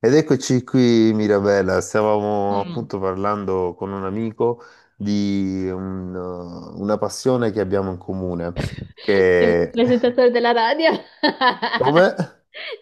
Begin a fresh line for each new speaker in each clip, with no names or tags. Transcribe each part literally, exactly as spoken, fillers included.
Ed eccoci qui, Mirabella. Stavamo
Mm.
appunto parlando con un amico di un- uh, una passione che abbiamo in comune,
Sembra il
che...
presentatore della radio.
Come?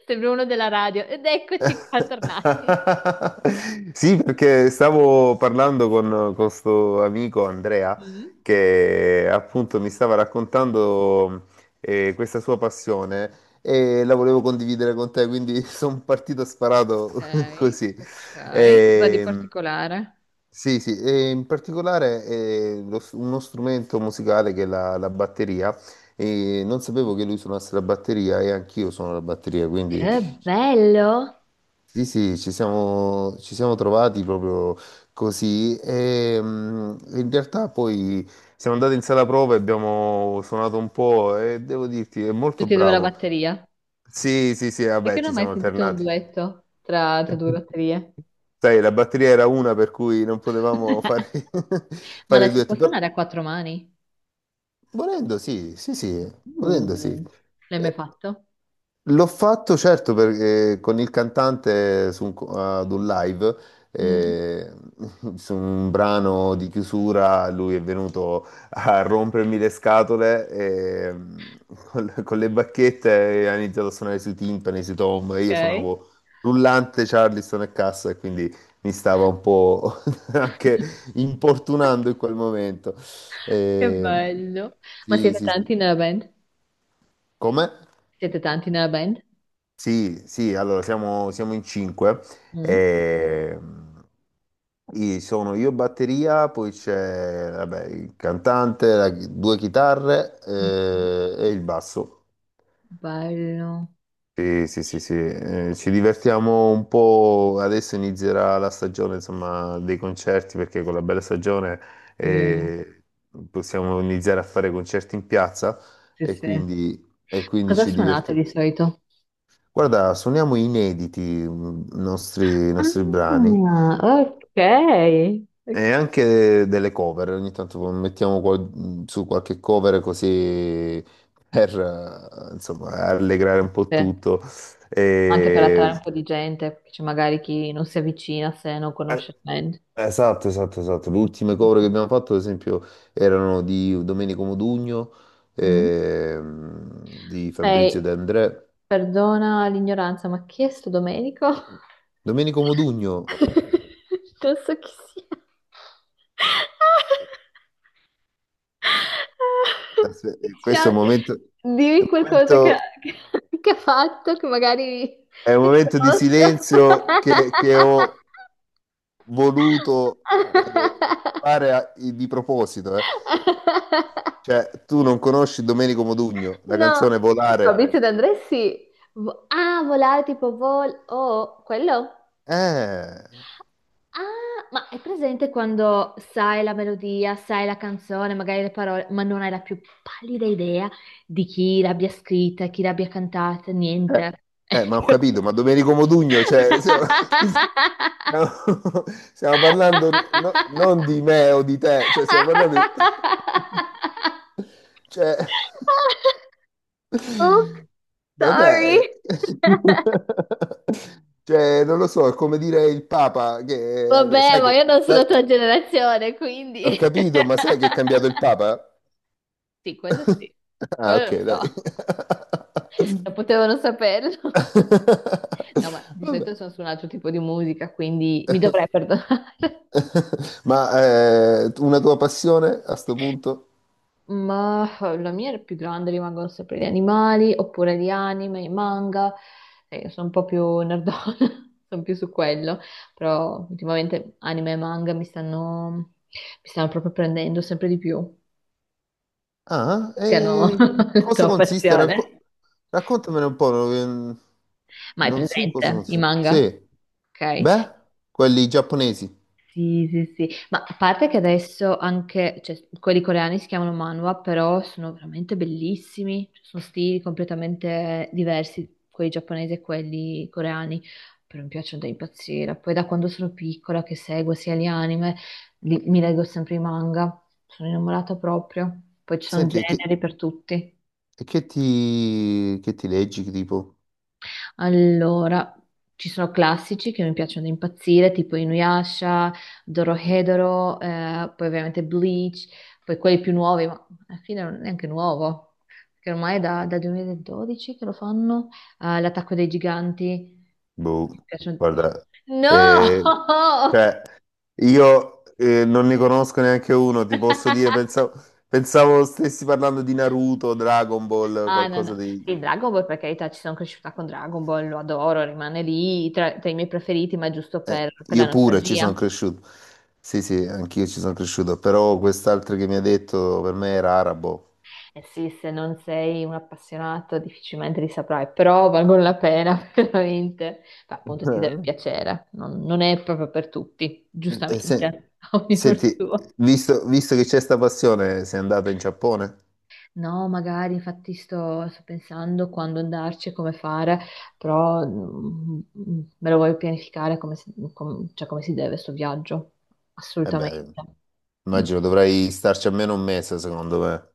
Sembra uno della radio. Ed eccoci qua tornati.
Sì, perché stavo parlando con questo amico Andrea
Mm,
che appunto mi stava raccontando eh, questa sua passione e la volevo condividere con te, quindi sono partito sparato
ok,
così.
ok. Cosa di
Ehm,
particolare?
Sì, sì, e in particolare eh, lo s- uno strumento musicale che è la, la batteria, e non sapevo che lui suonasse la batteria e anch'io suono la batteria, quindi
Che bello!
sì, sì, ci siamo, ci siamo trovati proprio così e mm, in realtà poi siamo andati in sala prova e abbiamo suonato un po' e devo dirti, è molto
Tutti e due la
bravo.
batteria.
Sì, sì, sì, vabbè,
Perché non ho
ci
mai
siamo
sentito un
alternati.
duetto tra, tra due batterie?
Sai, la batteria era una per cui non potevamo fare,
Ma
fare
la
il
si può
duetto, però...
suonare a quattro mani?
Volendo sì, sì, sì, volendo sì.
Uh, l'hai mai
Eh,
fatto?
L'ho fatto certo perché con il cantante su un co- ad un live,
Mm,
eh, su un brano di chiusura, lui è venuto a rompermi le scatole e, con, con le bacchette e ha iniziato a suonare sui timpani, sui tom, e
ok,
io suonavo rullante, Charleston e cassa e quindi mi stava un po' anche importunando in quel momento.
che
Eh,
bello. Ma
sì,
siete
sì, sì.
tanti nella band?
Come?
Siete tanti nella band?
Sì, sì, allora siamo, siamo in cinque.
Mm?
Ehm, i- sono io batteria, poi c'è vabbè, il cantante, la- due chitarre
Mm,
eh, e il basso.
bello.
Sì, sì, sì, sì. Eh, ci divertiamo un po'. Adesso inizierà la stagione, insomma, dei concerti, perché con la bella stagione
Sì.
eh, possiamo iniziare a fare concerti in piazza
Sì,
e
sì.
quindi, e quindi
Cosa
ci
suonate
divertiamo.
di solito?
Guarda, suoniamo inediti mh, i nostri, i
Ah,
nostri brani
ok. Ok.
e anche delle cover. Ogni tanto mettiamo qual- mh, su qualche cover così per eh, insomma, allegrare un po'
Sì,
tutto.
anche per attrarre
E-
un po' di gente, che c'è magari chi non si avvicina se non conosce
eh,
il band.
Esatto, esatto, esatto. Le ultime cover che abbiamo fatto, ad esempio, erano di Domenico Modugno,
Mm.
ehm, di Fabrizio
Ehi,
De André.
perdona l'ignoranza, ma chi è sto Domenico?
Domenico Modugno,
Non so chi sia. Mi
aspe- questo è un
spiace.
momento. È
Dimmi
un
qualcosa che,
momento
che- che ha fatto che magari
È un momento di
riconosco.
silenzio che, che ho voluto eh, fare a- di proposito. Eh. Cioè, tu non conosci Domenico Modugno, la
No,
canzone Volare?
Fabrizio De André sì. Vo- Ah, volare tipo vol... Oh, quello?
Eh,
Ah, ma è presente quando sai la melodia, sai la canzone, magari le parole, ma non hai la più pallida idea di chi l'abbia scritta, chi l'abbia cantata,
eh,
niente.
eh, ma ho capito, ma Domenico Modugno, cioè, stiamo, stiamo- stiamo parlando no- non di me o di te, cioè,
Ecco.
stiamo parlando di... Cioè...
Oops, sorry.
Vabbè, cioè, non lo so, è come dire il Papa, che eh,
Vabbè,
sai
ma
che,
io non sono
sai-
la tua generazione,
ho
quindi...
capito, ma sai che è cambiato il Papa?
Sì, quello sì,
Ah,
quello
ok,
lo so,
dai.
lo potevano saperlo. No, ma di
Vabbè.
solito sono su un altro tipo di musica, quindi mi dovrei perdonare.
Ma eh, una tua passione a sto punto?
Ma eh, la mia è più grande, rimangono sempre gli animali, oppure gli anime, i manga. Eh, sono un po' più nerdona, sono più su quello. Però ultimamente anime e manga mi stanno, mi stanno proprio prendendo sempre di più.
Ah,
Siano
e
la
cosa
tua
consiste? Racco-
passione.
raccontamene un po', non
Ma hai
non so in cosa
presente i
consiste.
manga?
Sì,
Ok.
beh, quelli giapponesi.
Sì, sì, sì, ma a parte che adesso anche, cioè, quelli coreani si chiamano manhwa, però sono veramente bellissimi, cioè, sono stili completamente diversi, quelli giapponesi e quelli coreani, però mi piacciono da impazzire. Poi da quando sono piccola che seguo sia gli anime, li- mi leggo sempre i manga, sono innamorata proprio, poi ci sono
Senti, e che,
generi per tutti.
e che ti, che ti leggi, che tipo?
Allora, ci sono classici che mi piacciono da impazzire, tipo Inuyasha, Dorohedoro, eh, poi ovviamente Bleach, poi quelli più nuovi, ma alla fine non è neanche nuovo, perché ormai è da, dal duemiladodici che lo fanno, eh, L'attacco dei giganti.
Boh,
Mi piacciono...
guarda, eh,
No!
cioè, io eh, non ne conosco neanche uno, ti posso dire, pensavo, pensavo stessi parlando di Naruto, Dragon Ball,
Ah, no, no.
qualcosa di...
Il Dragon Ball, per carità, ci sono cresciuta con Dragon Ball, lo adoro, rimane lì tra tra i miei preferiti, ma è giusto
Eh,
per per la
io pure ci sono
nostalgia.
cresciuto. Sì, sì, anch'io ci sono cresciuto, però quest'altro che mi ha detto per me era arabo.
Eh sì, se non sei un appassionato difficilmente li saprai, però valgono la pena veramente. Beh, appunto ti deve
Eh,
piacere, non, non è proprio per tutti,
eh, se-
giustamente, ognuno il
senti,
suo.
visto, visto che c'è sta passione, sei andato in Giappone?
No, magari infatti sto, sto pensando quando andarci e come fare, però mm, me lo voglio pianificare come si, com- cioè come si deve sto viaggio,
Eh
assolutamente.
beh,
Mm.
immagino dovrai starci almeno un mese, secondo me.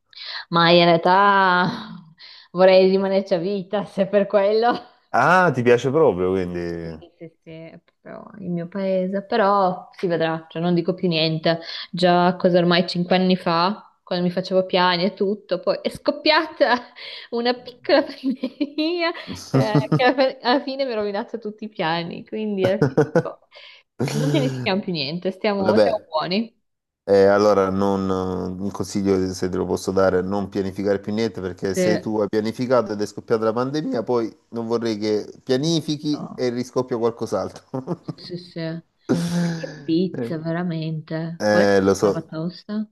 Ma in realtà vorrei rimanerci a vita se per quello.
Ah, ti piace proprio, quindi...
Sì, sì, sì, è proprio il mio paese, però si vedrà, cioè non dico più niente. Già, cosa ormai cinque anni fa, quando mi facevo piani e tutto, poi è scoppiata una piccola pandemia eh, che alla alla fine mi ha rovinato tutti i piani, quindi alla fine dico, non pianifichiamo più niente, stiamo,
Vabbè,
siamo buoni.
eh, allora, non, un consiglio, se te lo posso dare, non pianificare più niente perché
Sì,
se tu hai pianificato ed è scoppiata la pandemia, poi non vorrei che pianifichi
no.
e riscoppia qualcos'altro.
Sì, sì. Sì. Che
Eh,
pizza, veramente. Quella
eh, lo
è la
so,
tosta.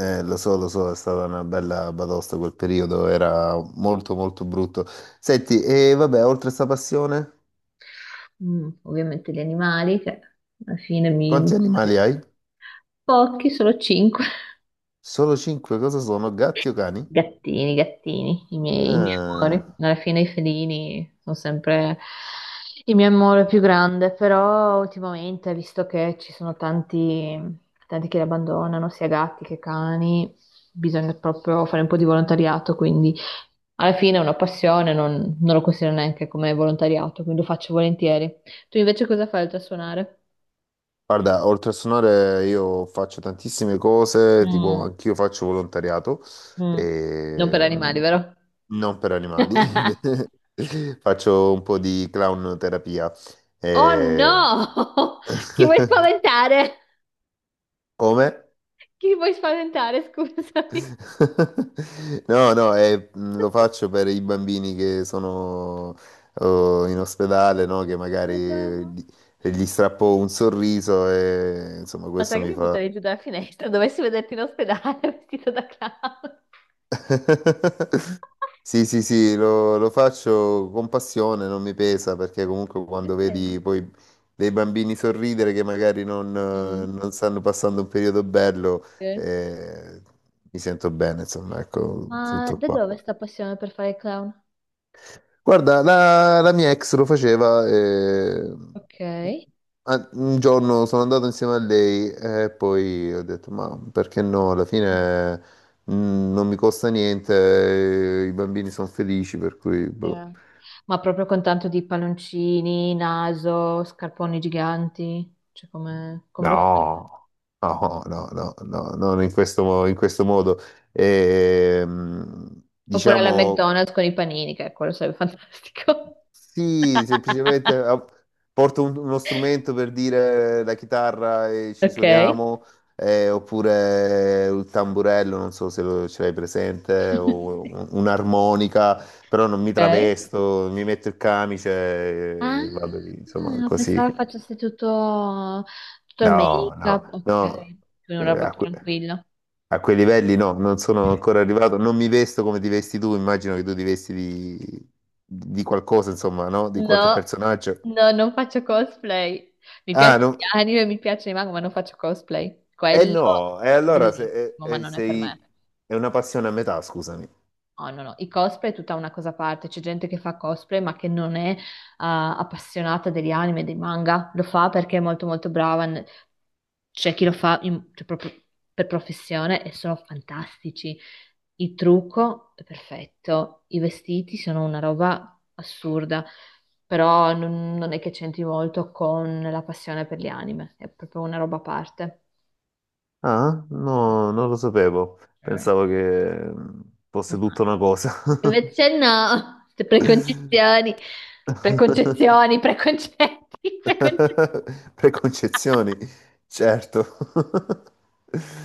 eh, lo so, lo so, è stata una bella batosta quel periodo, era molto molto brutto. Senti, e vabbè, oltre a sta passione,
Mm, ovviamente gli animali, che alla fine mi, mi-
quanti animali hai?
pochi, solo cinque.
Solo cinque, cosa sono? Gatti o cani?
Gattini, gattini, i miei, i miei
Ah.
amori. Alla fine i felini sono sempre il mio amore più grande, però ultimamente, visto che ci sono tanti, tanti che li abbandonano, sia gatti che cani, bisogna proprio fare un po' di volontariato, quindi alla fine è una passione, non, non lo considero neanche come volontariato, quindi lo faccio volentieri. Tu invece cosa fai oltre a suonare?
Guarda, oltre a suonare io faccio tantissime cose, tipo
Mm.
anch'io faccio volontariato,
Mm. Non per
ehm,
animali, vero?
non per animali, faccio un po' di clown terapia.
Oh
Eh.
no! Chi vuoi spaventare?
Come?
Chi vuoi spaventare? Scusami.
No, no, eh, mh, lo faccio per i bambini che sono oh, in ospedale, no? Che magari
Madonna.
gli gli strappo un sorriso e insomma
Ma sai
questo
che
mi
mi
fa...
butterei giù dalla finestra? Dovessi vederti in ospedale vestito da clown.
Sì, sì, sì, lo, lo faccio con passione, non mi pesa perché comunque quando vedi
Ok.
poi dei bambini sorridere che magari non, eh,
Mm,
non stanno passando un periodo bello,
sì.
eh, mi sento bene, insomma, ecco,
Ma
tutto
da
qua.
dove sta passione per fare il clown?
Guarda, la, la mia ex lo faceva e
Ok.
a- un giorno sono andato insieme a lei e poi ho detto, ma perché no? Alla fine mh, non mi costa niente, eh, i bambini sono felici, per cui... boh.
Yeah. Ma proprio con tanto di palloncini, naso, scarponi giganti. Cioè, come, come lo fai?
No, no, no, no, no, non in questo, mo- in questo modo. E, mh,
Oppure alla
diciamo...
McDonald's con i panini, che quello sarebbe fantastico.
Sì, semplicemente ah, porto un- uno strumento per dire la chitarra e ci
Ok.
suoniamo, eh, oppure il tamburello, non so se lo, ce l'hai presente, o un- un'armonica, però non mi
Ok.
travesto, mi metto il camice
Ah,
e vado lì, insomma, così.
pensavo facesse tutto, tutto il
No, no,
make-up. Ok,
no,
quindi una
eh,
roba
a,
più
que-
tranquilla.
a quei livelli no, non sono ancora arrivato, non mi vesto come ti vesti tu, immagino che tu ti vesti di, di qualcosa, insomma, no? Di qualche
No,
personaggio.
no, non faccio cosplay. Mi
Ah,
piace
no.
gli anime, mi piace i manga, ma non faccio cosplay.
Eh
Quello
no, e
è
allora se- eh,
bellissimo, ma
eh,
non è per me.
sei... è una passione a metà, scusami.
No, no, no, i cosplay è tutta una cosa a parte, c'è gente che fa cosplay ma che non è eh, appassionata degli anime, dei manga, lo fa perché è molto molto brava, n- c'è chi lo fa in- cioè, proprio per professione e sono fantastici, il trucco è perfetto, i vestiti sono una roba assurda, però non, non è che c'entri molto con la passione per gli anime, è proprio una roba a parte.
Ah, no, non lo sapevo. Pensavo che mm,
Eh.
fosse tutta una cosa.
Invece no, queste preconcezioni, preconcezioni, preconcetti, preconcezioni.
Preconcezioni, certo.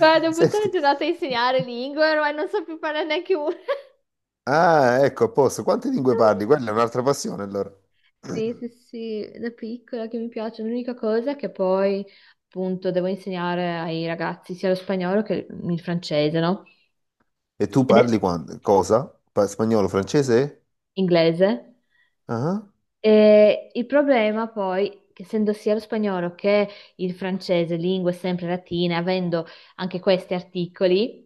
Guarda, ho buttato la
Senti,
giornata a insegnare lingue, ormai non so più parlare neanche una.
ah, ecco, a posto. Quante lingue parli? Quella è un'altra passione, allora.
Sì, sì, sì, da piccola che mi piace. L'unica cosa è che poi, appunto, devo insegnare ai ragazzi sia lo spagnolo che il francese, no?
E tu
Ed è
parli quan- cosa? Pa- spagnolo, francese?
inglese.
Ah,
E il problema poi, che essendo sia lo spagnolo che il francese, lingue sempre latine, avendo anche questi articoli,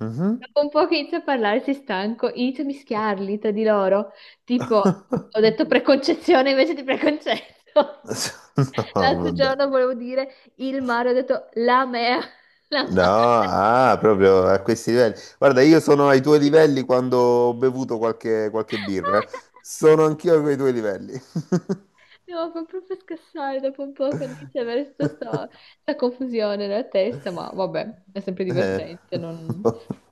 mhm.
dopo un po' che inizio a parlare, si stanco, inizio a mischiarli tra di loro. Tipo, ho detto preconcezione invece di preconcetto.
No,
L'altro
vabbè.
giorno volevo dire il mare, ho detto la mea, la
No,
mare.
ah, proprio a questi livelli. Guarda, io sono ai tuoi livelli quando ho bevuto qualche, qualche birra. Eh. Sono anch'io a quei tuoi livelli.
No, fa proprio scassare dopo un po' quando inizia ad avere tutta sta, sta confusione nella testa, ma vabbè, è sempre
Eh.
divertente, non,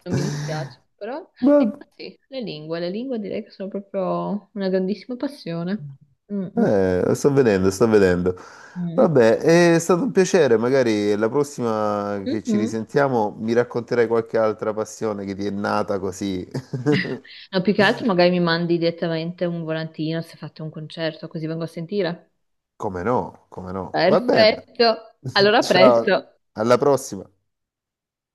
non mi dispiace. Però,
Vabbè,
ecco sì, le lingue, le lingue direi che sono proprio una grandissima passione. Mm, mm,
eh, sto vedendo, sto vedendo.
mm,
Vabbè, è stato un piacere. Magari la prossima
mm,
che ci
mm.
risentiamo mi racconterai qualche altra passione che ti è nata così.
No, più che altro magari mi mandi direttamente un volantino se fate un concerto, così vengo a sentire.
Come no, come no. Va bene.
Perfetto, allora a
Ciao,
presto.
alla prossima.